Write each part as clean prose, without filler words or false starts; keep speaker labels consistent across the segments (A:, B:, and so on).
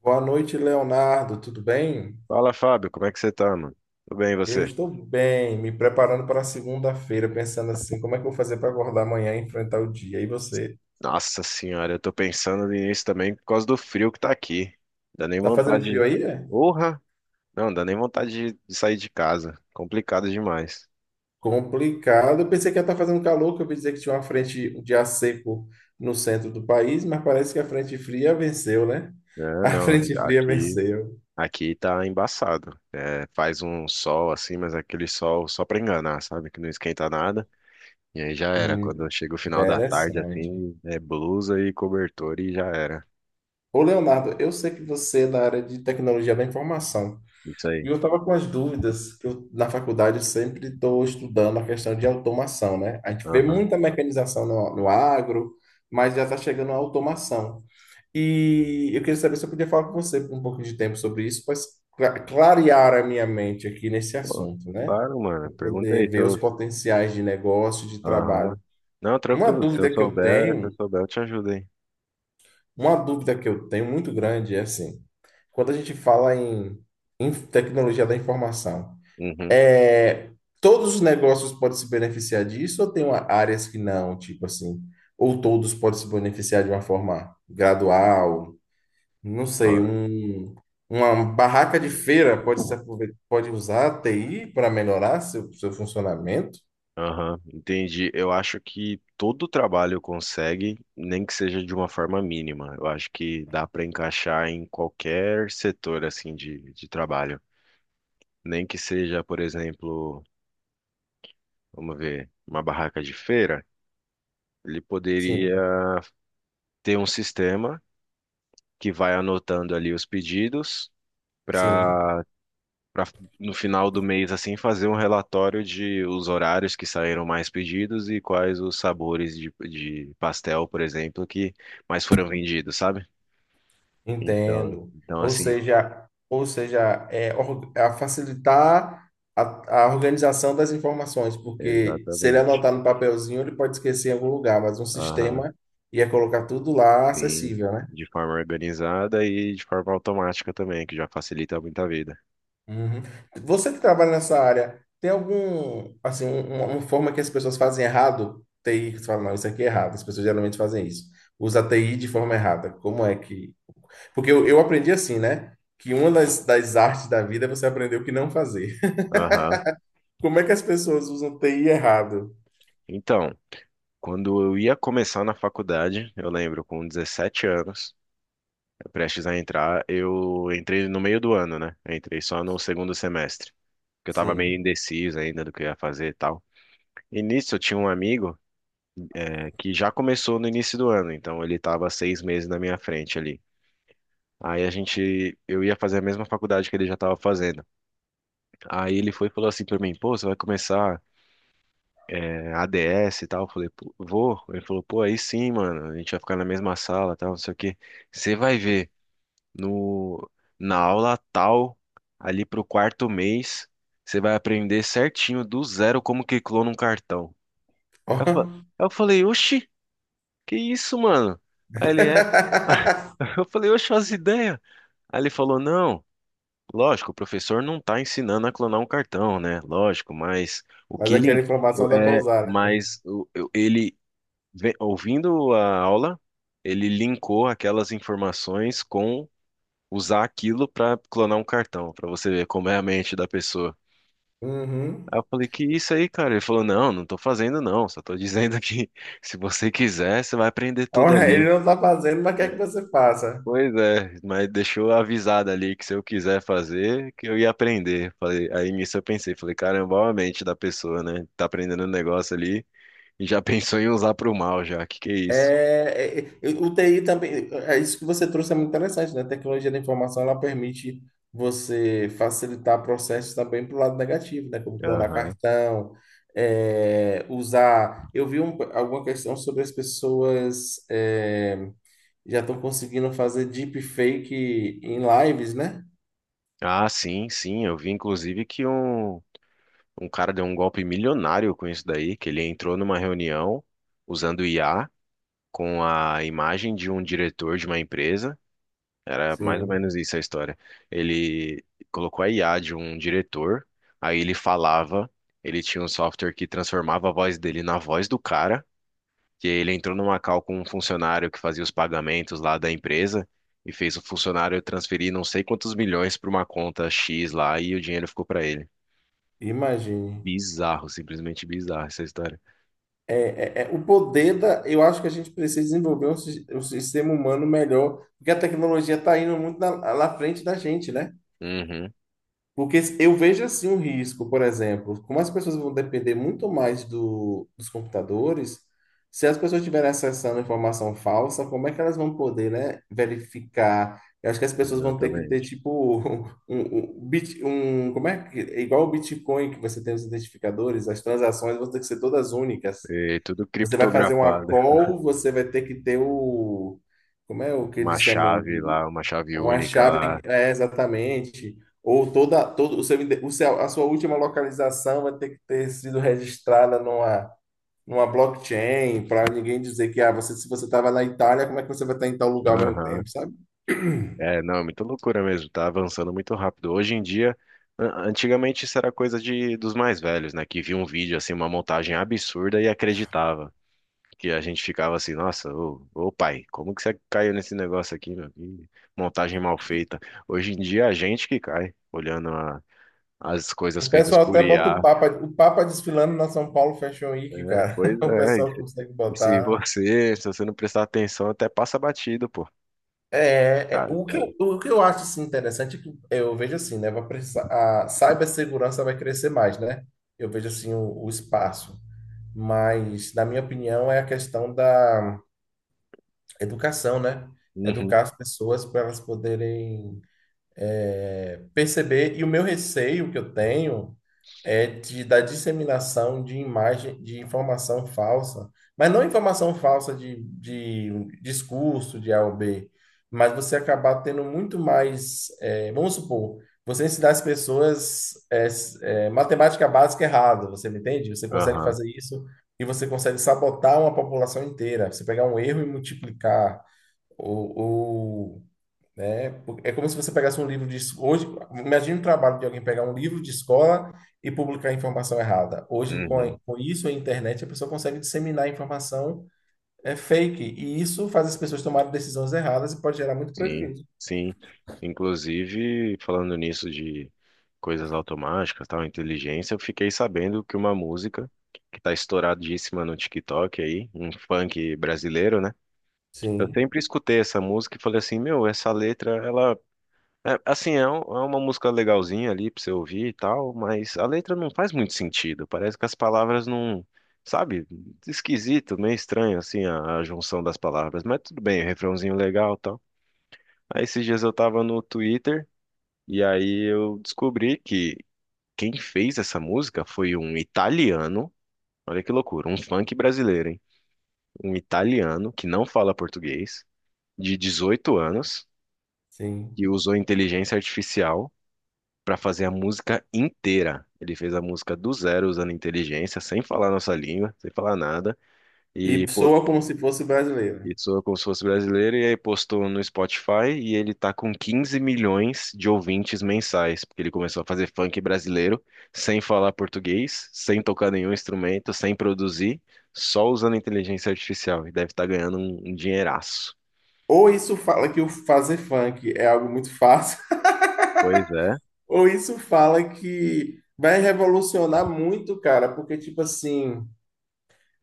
A: Boa noite, Leonardo. Tudo bem?
B: Fala, Fábio, como é que você tá, mano? Tudo bem, e
A: Eu
B: você?
A: estou bem, me preparando para segunda-feira, pensando assim, como é que eu vou fazer para acordar amanhã e enfrentar o dia? E você?
B: Nossa senhora, eu tô pensando nisso também por causa do frio que tá aqui. Dá nem
A: Tá fazendo
B: vontade
A: frio
B: de...
A: aí, é?
B: Porra! Não, dá nem vontade de sair de casa. Complicado demais.
A: Complicado. Eu pensei que ia estar fazendo calor, que eu ouvi dizer que tinha uma frente de ar seco no centro do país, mas parece que a frente fria venceu, né?
B: É,
A: A
B: não,
A: frente fria
B: aqui,
A: venceu.
B: aqui tá embaçado. É, faz um sol assim, mas aquele sol só pra enganar, sabe? Que não esquenta nada. E aí já era. Quando
A: Hum,
B: chega o final da tarde,
A: interessante.
B: assim, é blusa e cobertor e já era.
A: Ô, Leonardo, eu sei que você é da área de tecnologia da informação.
B: Isso
A: E
B: aí.
A: eu estava com as dúvidas, que eu, na faculdade eu sempre estou estudando a questão de automação, né? A gente vê
B: Aham.
A: muita mecanização no agro, mas já está chegando a automação. E eu queria saber se eu podia falar com você por um pouco de tempo sobre isso, para clarear a minha mente aqui nesse
B: Pô,
A: assunto, né?
B: claro, mano. Pergunta aí
A: Poder
B: se
A: ver os
B: eu,
A: potenciais de negócio, de
B: Aham.
A: trabalho.
B: Não,
A: Uma
B: tranquilo. Se eu
A: dúvida que eu
B: souber, se eu
A: tenho,
B: souber, eu te ajudo, hein?
A: uma dúvida que eu tenho muito grande é assim, quando a gente fala em tecnologia da informação,
B: Uhum.
A: É, todos os negócios podem se beneficiar disso ou tem áreas que não, tipo assim, ou todos podem se beneficiar de uma forma gradual, não sei,
B: Ó,
A: uma barraca de feira pode se aproveitar, pode usar a TI para melhorar seu funcionamento?
B: aham, entendi. Eu acho que todo trabalho consegue, nem que seja de uma forma mínima. Eu acho que dá para encaixar em qualquer setor assim de trabalho. Nem que seja, por exemplo, vamos ver, uma barraca de feira, ele
A: Sim,
B: poderia ter um sistema que vai anotando ali os pedidos
A: sim.
B: para para no final do mês assim fazer um relatório de os horários que saíram mais pedidos e quais os sabores de pastel, por exemplo, que mais foram vendidos, sabe? Então,
A: Entendo.
B: então
A: Ou
B: assim,
A: seja, ou seja, é, a facilitar a organização das informações, porque se ele
B: exatamente.
A: anotar no papelzinho, ele pode esquecer em algum lugar, mas um
B: Aham,
A: sistema ia colocar tudo lá
B: sim,
A: acessível, né?
B: de forma organizada e de forma automática também, que já facilita muito a vida.
A: Uhum. Você que trabalha nessa área, tem algum, assim, uma forma que as pessoas fazem errado? TI, que você fala, não, isso aqui é errado, as pessoas geralmente fazem isso. Usa TI de forma errada. Como é que. Porque eu aprendi assim, né? Que uma das artes da vida é você aprender o que não fazer.
B: Aham.
A: Como é que as pessoas usam TI errado?
B: Então, quando eu ia começar na faculdade, eu lembro com 17 anos, prestes a entrar, eu entrei no meio do ano, né? Eu entrei só no segundo semestre, porque eu tava meio
A: Sim.
B: indeciso ainda do que eu ia fazer e tal. E nisso eu tinha um amigo, que já começou no início do ano, então ele tava 6 meses na minha frente ali. Aí a gente, eu ia fazer a mesma faculdade que ele já tava fazendo. Aí ele foi e falou assim pra mim, pô, você vai começar ADS e tal? Eu falei, pô, vou. Ele falou, pô, aí sim, mano, a gente vai ficar na mesma sala e tal, não sei o quê. Você vai ver. No, na aula tal, ali pro quarto mês, você vai aprender certinho do zero como que clona um cartão.
A: Ó.
B: Eu, fa- eu falei, oxi, que isso, mano? Aí ele é. Eu falei, oxe, as ideias. Aí ele falou, não, lógico, o professor não tá ensinando a clonar um cartão, né? Lógico, mas o
A: Mas
B: que
A: aquela
B: ele.
A: informação dá para
B: É,
A: usar, né?
B: mas ele, ouvindo a aula, ele linkou aquelas informações com usar aquilo pra clonar um cartão, pra você ver como é a mente da pessoa. Aí
A: Uhum.
B: eu falei, que isso aí, cara? Ele falou, não, não tô fazendo não, só tô dizendo que se você quiser, você vai aprender tudo
A: Olha, ele
B: ali.
A: não está fazendo, mas quer que você faça.
B: Pois é, mas deixou avisado ali que se eu quiser fazer, que eu ia aprender. Falei, aí nisso eu pensei, falei, caramba, olha a mente da pessoa, né? Tá aprendendo um negócio ali e já pensou em usar pro mal já, que é isso?
A: O TI também, é isso que você trouxe é muito interessante, né? A tecnologia da informação, ela permite você facilitar processos também para o lado negativo, né? Como clonar
B: Aham.
A: cartão, é, usar... Eu vi alguma questão sobre as pessoas é, já estão conseguindo fazer deepfake em lives, né?
B: Ah, sim, eu vi inclusive que um Um cara deu um golpe milionário com isso daí, que ele entrou numa reunião usando IA com a imagem de um diretor de uma empresa. Era mais ou
A: Sim,
B: menos isso a história. Ele colocou a IA de um diretor, aí ele falava, ele tinha um software que transformava a voz dele na voz do cara, que ele entrou numa call com um funcionário que fazia os pagamentos lá da empresa e fez o funcionário transferir não sei quantos milhões para uma conta X lá e o dinheiro ficou para ele.
A: imagine.
B: Bizarro, simplesmente bizarro essa história.
A: É o poder da. Eu acho que a gente precisa desenvolver um sistema humano melhor, porque a tecnologia está indo muito na, lá na frente da gente, né?
B: Uhum,
A: Porque eu vejo assim um risco, por exemplo, como as pessoas vão depender muito mais dos computadores, se as pessoas estiverem acessando informação falsa, como é que elas vão poder, né, verificar? Eu acho que as pessoas vão ter que ter,
B: exatamente.
A: tipo, como é que, é igual o Bitcoin, que você tem os identificadores, as transações vão ter que ser todas únicas.
B: E tudo
A: Você vai fazer uma
B: criptografado.
A: call, você vai ter que ter o, como é o que
B: Uma
A: eles chamam
B: chave
A: de
B: lá, uma chave
A: uma
B: única
A: chave,
B: lá.
A: é, exatamente. Ou todo o a sua última localização vai ter que ter sido registrada numa blockchain, para ninguém dizer que ah, você, se você estava na Itália, como é que você vai estar em tal lugar ao mesmo
B: Aham.
A: tempo, sabe?
B: É, não, é muita loucura mesmo, tá avançando muito rápido. Hoje em dia, antigamente isso era coisa de, dos mais velhos, né? Que via um vídeo, assim, uma montagem absurda e acreditava. Que a gente ficava assim, nossa, ô, pai, como que você caiu nesse negócio aqui, meu? Que montagem mal feita. Hoje em dia, é a gente que cai, olhando as coisas
A: O
B: feitas
A: pessoal
B: por
A: até bota
B: IA.
A: O Papa desfilando na São Paulo Fashion
B: É,
A: Week, cara.
B: pois
A: O
B: é.
A: pessoal consegue
B: E se
A: botar.
B: você, se você não prestar atenção, até passa batido, pô. Tá,
A: O que
B: tá.
A: o que eu acho assim, interessante é que eu vejo assim, né? Vai precisar, a cibersegurança vai crescer mais, né? Eu vejo assim o espaço. Mas, na minha opinião, é a questão da educação, né? Educar
B: Uhum,
A: as pessoas para elas poderem é, perceber. E o meu receio que eu tenho é de, da disseminação de imagem, de informação falsa, mas não informação falsa de um discurso de A ou B, mas você acabar tendo muito mais, é, vamos supor, você ensinar as pessoas matemática básica errada, você me entende? Você consegue
B: aham,
A: fazer isso e você consegue sabotar uma população inteira. Você pegar um erro e multiplicar ou, ou né? É como se você pegasse um livro de hoje, imagine o trabalho de alguém pegar um livro de escola e publicar informação errada. Hoje,
B: uhum,
A: com isso, a internet, a pessoa consegue disseminar informação é, fake, e isso faz as pessoas tomarem decisões erradas e pode gerar muito
B: sim,
A: prejuízo.
B: sim. Inclusive, falando nisso de coisas automáticas, tal, inteligência, eu fiquei sabendo que uma música que tá estouradíssima no TikTok aí, um funk brasileiro, né? Eu
A: Sim,
B: sempre escutei essa música e falei assim, meu, essa letra, ela É, assim, é, é uma música legalzinha ali pra você ouvir e tal, mas a letra não faz muito sentido. Parece que as palavras não, sabe? Esquisito, meio estranho, assim, a junção das palavras. Mas tudo bem, refrãozinho legal e tal. Aí esses dias eu tava no Twitter e aí eu descobri que quem fez essa música foi um italiano. Olha que loucura, um funk brasileiro, hein? Um italiano que não fala português, de 18 anos,
A: sim.
B: que usou inteligência artificial para fazer a música inteira. Ele fez a música do zero usando inteligência, sem falar nossa língua, sem falar nada, e
A: E
B: pô,
A: soa como se fosse brasileiro.
B: e soa como se fosse brasileiro, e aí postou no Spotify e ele tá com 15 milhões de ouvintes mensais, porque ele começou a fazer funk brasileiro sem falar português, sem tocar nenhum instrumento, sem produzir, só usando inteligência artificial, e deve estar ganhando um dinheiraço.
A: Ou isso fala que o fazer funk é algo muito fácil,
B: Pois é,
A: ou isso fala que vai revolucionar muito, cara, porque, tipo assim,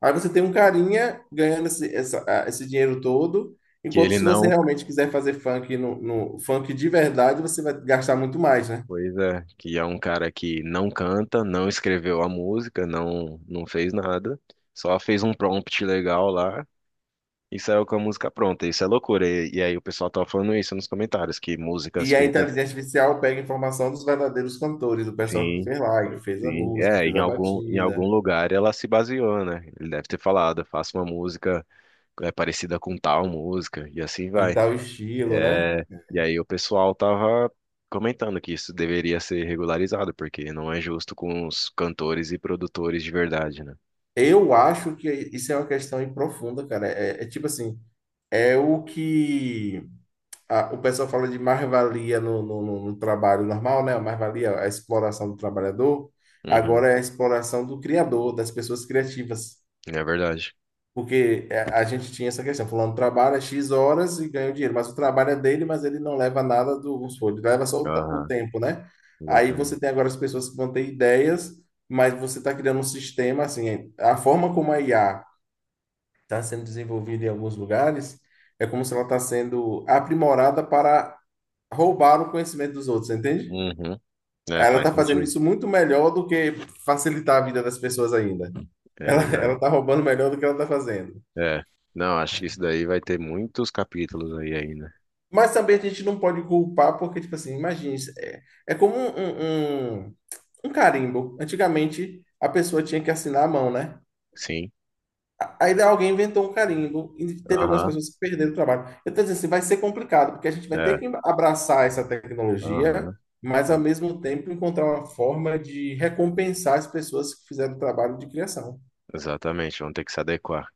A: aí você tem um carinha ganhando esse dinheiro todo,
B: que
A: enquanto
B: ele
A: se você
B: não
A: realmente quiser fazer funk no funk de verdade, você vai gastar muito mais, né?
B: Pois é, que é um cara que não canta, não escreveu a música, não fez nada, só fez um prompt legal lá e saiu com a música pronta. Isso é loucura. E aí o pessoal tava falando isso nos comentários, que músicas
A: E a
B: feitas,
A: inteligência artificial pega informação dos verdadeiros cantores, do pessoal que
B: sim,
A: fez lá, que fez a
B: sim,
A: música, que
B: é,
A: fez a
B: em algum
A: batida,
B: lugar ela se baseou, né? Ele deve ter falado, faça uma música é parecida com tal música, e assim
A: em
B: vai.
A: tal estilo, né?
B: É, e aí o pessoal tava comentando que isso deveria ser regularizado, porque não é justo com os cantores e produtores de verdade, né?
A: Eu acho que isso é uma questão aí profunda, cara. É tipo assim, é o que o pessoal fala de mais-valia no trabalho normal, né? A mais-valia, é a exploração do trabalhador.
B: Uhum,
A: Agora é a exploração do criador, das pessoas criativas.
B: é verdade.
A: Porque é, a gente tinha essa questão, fulano trabalha X horas e ganha o dinheiro, mas o trabalho é dele, mas ele não leva nada do vamos supor, ele leva só o
B: Aham,
A: tempo, né? Aí
B: exatamente.
A: você tem agora as pessoas que vão ter ideias, mas você está criando um sistema, assim, a forma como a IA está sendo desenvolvida em alguns lugares é como se ela está sendo aprimorada para roubaram o conhecimento dos outros, entende?
B: Uhum, é,
A: Ela
B: faz
A: tá fazendo
B: sentido.
A: isso muito melhor do que facilitar a vida das pessoas ainda.
B: É verdade.
A: Ela tá roubando melhor do que ela tá fazendo.
B: É, não, acho que isso daí vai ter muitos capítulos aí ainda.
A: Mas também a gente não pode culpar, porque, tipo assim, imagine, isso é, é como um carimbo. Antigamente, a pessoa tinha que assinar a mão, né?
B: Sim,
A: Aí alguém inventou um carimbo e teve algumas
B: aham,
A: pessoas que perderam o trabalho. Eu estou dizendo assim, vai ser complicado, porque a gente vai
B: é,
A: ter que abraçar essa tecnologia,
B: aham.
A: mas ao
B: Vamos-
A: mesmo tempo encontrar uma forma de recompensar as pessoas que fizeram o trabalho de criação.
B: Exatamente, vamos ter que se adequar.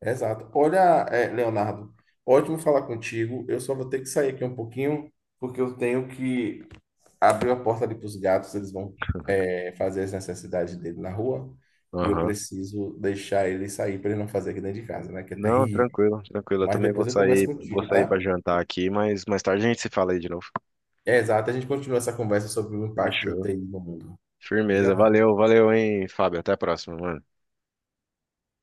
A: Exato. Olha, é, Leonardo, ótimo falar contigo. Eu só vou ter que sair aqui um pouquinho, porque eu tenho que abrir a porta ali para os gatos, eles vão, é, fazer as necessidades dele na rua, e eu
B: Aham.
A: preciso deixar ele sair para ele não fazer aqui dentro de casa, né? Que é
B: Não,
A: terrível.
B: tranquilo, tranquilo. Eu
A: Mas
B: também
A: depois eu converso
B: vou
A: contigo,
B: sair para
A: tá?
B: jantar aqui, mas mais tarde a gente se fala aí de novo.
A: É exato, a gente continua essa conversa sobre o impacto do
B: Fechou.
A: treino no mundo.
B: Firmeza.
A: Obrigado.
B: Valeu, valeu, hein, Fábio. Até a próxima, mano.